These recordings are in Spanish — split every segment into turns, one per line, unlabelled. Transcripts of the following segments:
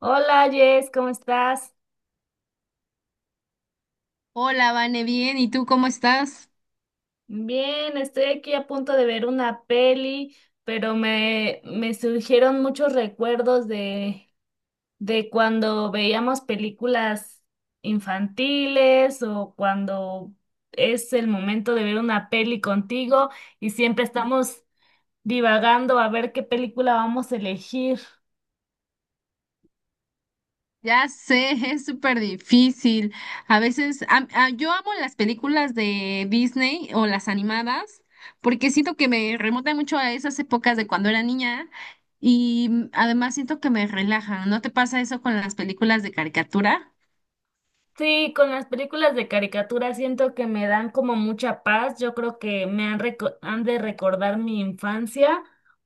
Hola Jess, ¿cómo estás?
Hola, Vane, bien, ¿y tú cómo estás?
Bien, estoy aquí a punto de ver una peli, pero me surgieron muchos recuerdos de cuando veíamos películas infantiles o cuando es el momento de ver una peli contigo y siempre estamos divagando a ver qué película vamos a elegir.
Ya sé, es súper difícil. A veces, yo amo las películas de Disney o las animadas, porque siento que me remontan mucho a esas épocas de cuando era niña y además siento que me relajan. ¿No te pasa eso con las películas de caricatura?
Sí, con las películas de caricatura siento que me dan como mucha paz. Yo creo que han de recordar mi infancia,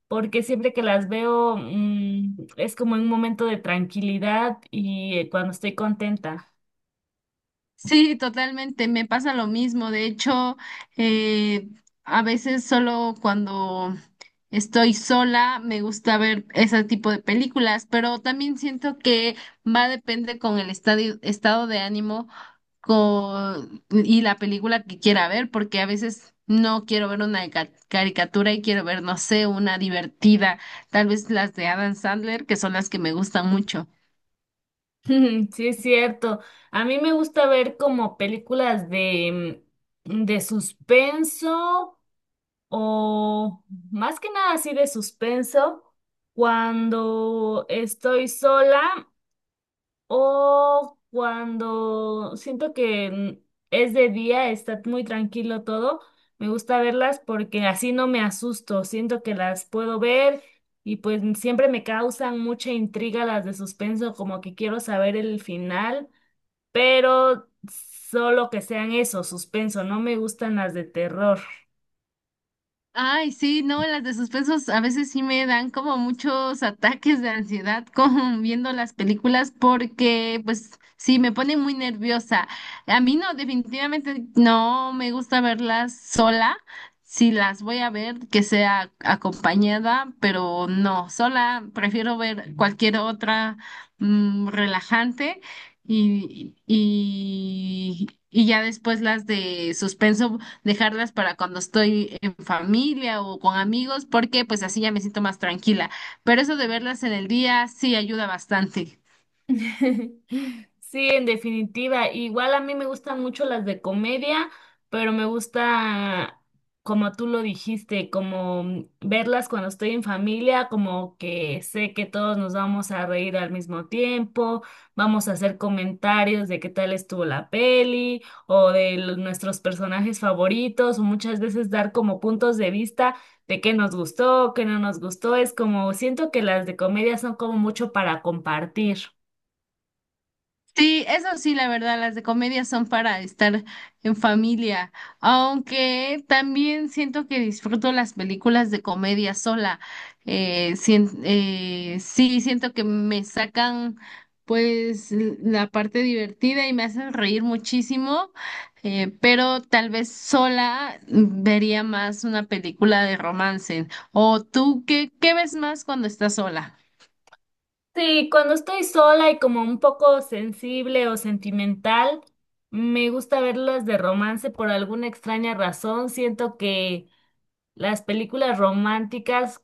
porque siempre que las veo, mm, es como un momento de tranquilidad y, cuando estoy contenta.
Sí, totalmente, me pasa lo mismo. De hecho, eh, a veces solo cuando estoy sola me gusta ver ese tipo de películas, pero también siento que va a depender con el estado de ánimo y la película que quiera ver, porque a veces no quiero ver una caricatura y quiero ver, no sé, una divertida, tal vez las de Adam Sandler, que son las que me gustan mucho.
Sí, es cierto. A mí me gusta ver como películas de, mm, de suspenso, o más que nada así de suspenso cuando estoy sola. O cuando siento que es de día, está muy tranquilo todo, me gusta verlas porque así no me asusto, siento que las puedo ver y siempre me causan mucha intriga las de suspenso, como que quiero saber el final, pero solo que sean eso, suspenso, no me gustan las de terror.
Ay, sí, no, las de suspensos a veces sí me dan como muchos ataques de ansiedad con viendo las películas porque pues sí me pone muy nerviosa. A mí no, definitivamente no me gusta verlas sola. Si las voy a ver, que sea acompañada, pero no, sola prefiero ver cualquier otra relajante y ya después las de suspenso dejarlas para cuando estoy en familia o con amigos, porque pues así ya me siento más tranquila. Pero eso de verlas en el día sí ayuda bastante.
Sí, en definitiva. Igual a mí me gustan mucho las de comedia, pero me gusta, como tú lo dijiste, verlas cuando estoy en familia, como que sé que todos nos vamos a reír al mismo tiempo, vamos a hacer comentarios de qué tal estuvo la peli o de nuestros personajes favoritos, o muchas veces dar como puntos de vista de qué nos gustó, qué no nos gustó. Es como, siento que las de comedia son como mucho para compartir.
Sí, eso sí, la verdad, las de comedia son para estar en familia, aunque también siento que disfruto las películas de comedia sola. Sí, siento que me sacan pues la parte divertida y me hacen reír muchísimo, pero tal vez sola vería más una película de romance. ¿O tú qué ves más cuando estás sola?
Sí, cuando estoy sola y como un poco sensible o sentimental, me gusta verlas de romance por alguna extraña razón. Siento que las películas románticas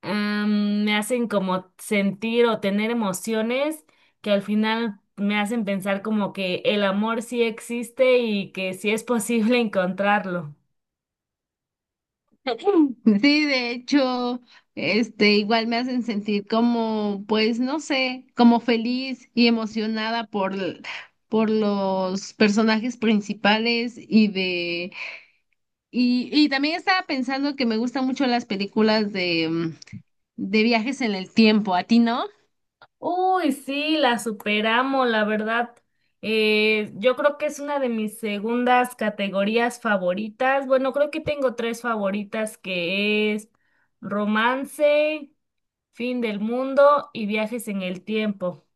me hacen como sentir o tener emociones que al final me hacen pensar como que el amor sí existe y que sí es posible encontrarlo.
Sí, de hecho, este, igual me hacen sentir como, pues, no sé, como feliz y emocionada por los personajes principales y también estaba pensando que me gustan mucho las películas de viajes en el tiempo. ¿A ti no?
Uy, sí, la superamos, la verdad. Yo creo que es una de mis segundas categorías favoritas. Bueno, creo que tengo tres favoritas que es romance, fin del mundo y viajes en el tiempo.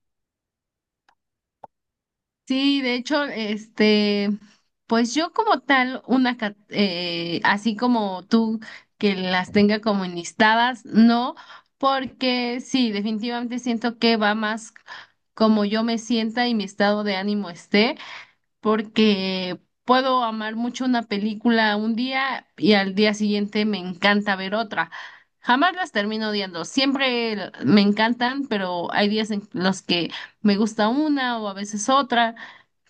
Sí, de hecho, este, pues yo como tal, así como tú que las tenga como enlistadas, no, porque sí, definitivamente siento que va más como yo me sienta y mi estado de ánimo esté, porque puedo amar mucho una película un día y al día siguiente me encanta ver otra. Jamás las termino odiando, siempre me encantan, pero hay días en los que me gusta una o a veces otra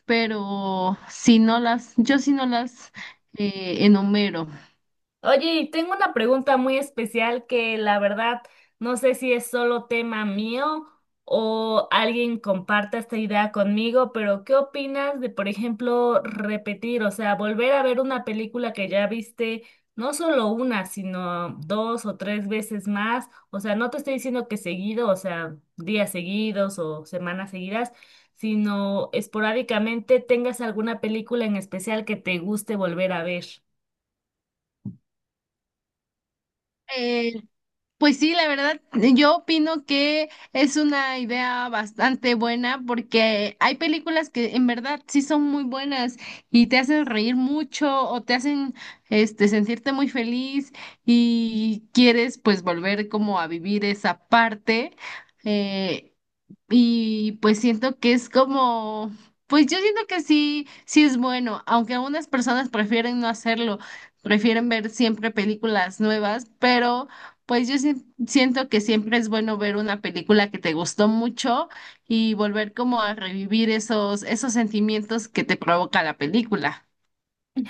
pero si no las, yo sí no las enumero.
Oye, y tengo una pregunta muy especial que la verdad no sé si es solo tema mío o alguien comparta esta idea conmigo, pero ¿qué opinas de, por ejemplo, repetir, o sea, volver a ver una película que ya viste no solo una, sino dos o tres veces más? O sea, no te estoy diciendo que seguido, o sea, días seguidos o semanas seguidas, sino esporádicamente tengas alguna película en especial que te guste volver a ver.
Eh, pues sí, la verdad, yo opino que es una idea bastante buena porque hay películas que en verdad sí son muy buenas y te hacen reír mucho o te hacen este sentirte muy feliz y quieres pues volver como a vivir esa parte. Eh, Y pues siento que es como, pues yo siento que sí, sí es bueno, aunque algunas personas prefieren no hacerlo, prefieren ver siempre películas nuevas, pero pues yo sí- siento que siempre es bueno ver una película que te gustó mucho y volver como a revivir esos sentimientos que te provoca la película.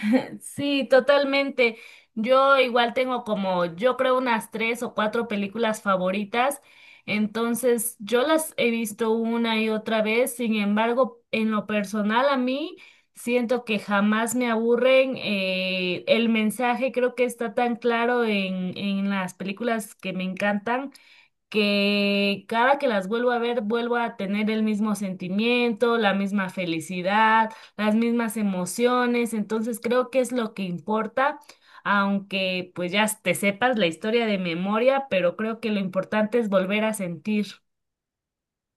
Sí, totalmente. Yo igual tengo como, yo creo, unas tres o cuatro películas favoritas, entonces yo las he visto una y otra vez. Sin embargo, en lo personal a mí siento que jamás me aburren. El mensaje creo que está tan claro en las películas que me encantan, que cada que las vuelvo a ver, vuelvo a tener el mismo sentimiento, la misma felicidad, las mismas emociones. Entonces creo que es lo que importa, aunque pues ya te sepas la historia de memoria, pero creo que lo importante es volver a sentir.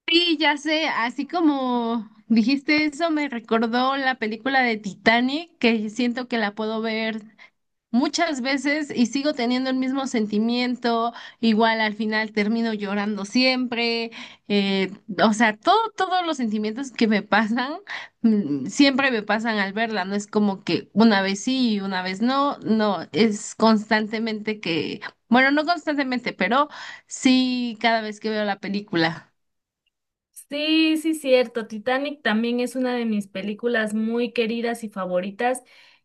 Sí, ya sé, así como dijiste eso, me recordó la película de Titanic, que siento que la puedo ver muchas veces y sigo teniendo el mismo sentimiento, igual al final termino llorando siempre, eh, o sea, todos los sentimientos que me pasan, siempre me pasan al verla, no es como que una vez sí y una vez no, no, es constantemente que, bueno, no constantemente, pero sí cada vez que veo la película.
Sí, sí, cierto. Titanic también es una de mis películas muy queridas y favoritas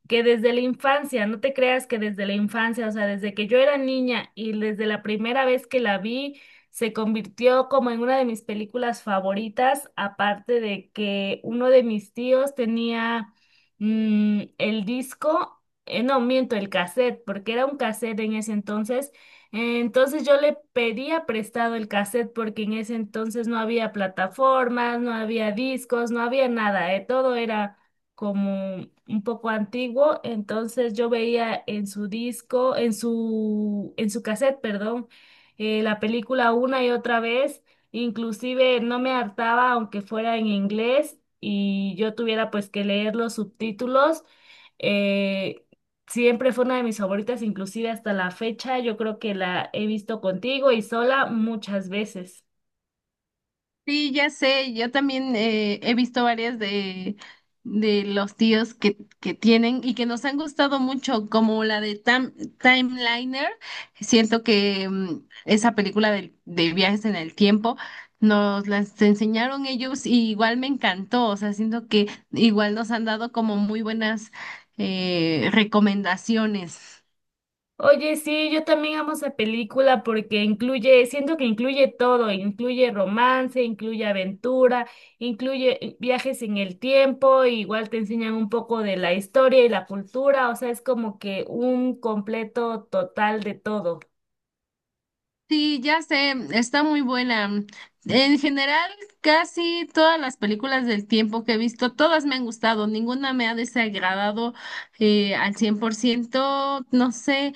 que desde la infancia. No te creas que desde la infancia, o sea, desde que yo era niña y desde la primera vez que la vi, se convirtió como en una de mis películas favoritas, aparte de que uno de mis tíos tenía, mm, el disco, no miento, el cassette, porque era un cassette en ese entonces. Entonces yo le pedía prestado el cassette porque en ese entonces no había plataformas, no había discos, no había nada. Todo era como un poco antiguo, entonces yo veía en su disco, en su cassette, perdón, la película una y otra vez, inclusive no me hartaba aunque fuera en inglés y yo tuviera pues que leer los subtítulos. eh, Siempre fue una de mis favoritas, inclusive hasta la fecha. Yo creo que la he visto contigo y sola muchas veces.
Sí, ya sé, yo también he visto varias de los tíos que tienen y que nos han gustado mucho, como la de Timeliner. Siento que esa película de viajes en el tiempo nos las enseñaron ellos y igual me encantó, o sea, siento que igual nos han dado como muy buenas recomendaciones.
Oye, sí, yo también amo esa película porque incluye, siento que incluye todo, incluye romance, incluye aventura, incluye viajes en el tiempo, igual te enseñan un poco de la historia y la cultura, o sea, es como que un completo total de todo.
Sí, ya sé, está muy buena. En general, casi todas las películas del tiempo que he visto, todas me han gustado, ninguna me ha desagradado al 100%. No sé,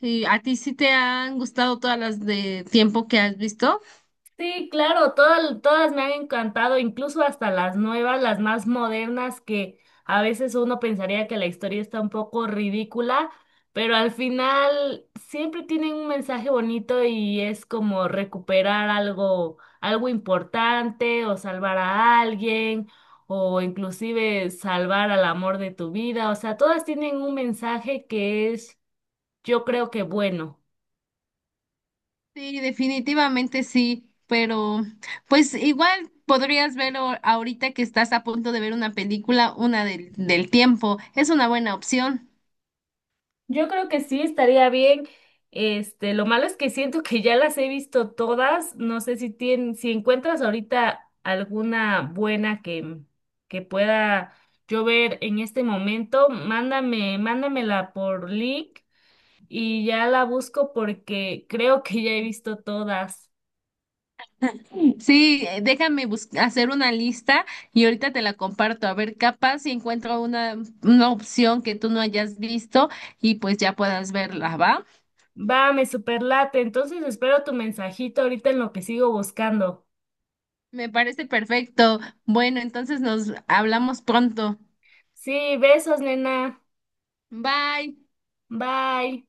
¿a ti sí te han gustado todas las de tiempo que has visto?
Sí, claro, todas, todas me han encantado, incluso hasta las nuevas, las más modernas, que a veces uno pensaría que la historia está un poco ridícula, pero al final siempre tienen un mensaje bonito y es como recuperar algo, algo importante, o salvar a alguien o inclusive salvar al amor de tu vida. O sea, todas tienen un mensaje que es, yo creo que bueno.
Sí, definitivamente sí, pero pues igual podrías ver ahorita que estás a punto de ver una película, una del tiempo. Es una buena opción.
Yo creo que sí estaría bien. Este, lo malo es que siento que ya las he visto todas. No sé si encuentras ahorita alguna buena que pueda yo ver en este momento, mándamela por link y ya la busco porque creo que ya he visto todas.
Sí, déjame hacer una lista y ahorita te la comparto. A ver, capaz si encuentro una opción que tú no hayas visto y pues ya puedas verla, ¿va?
Va, me superlate. Entonces espero tu mensajito ahorita en lo que sigo buscando.
Me parece perfecto. Bueno, entonces nos hablamos pronto.
Sí, besos, nena.
Bye.
Bye.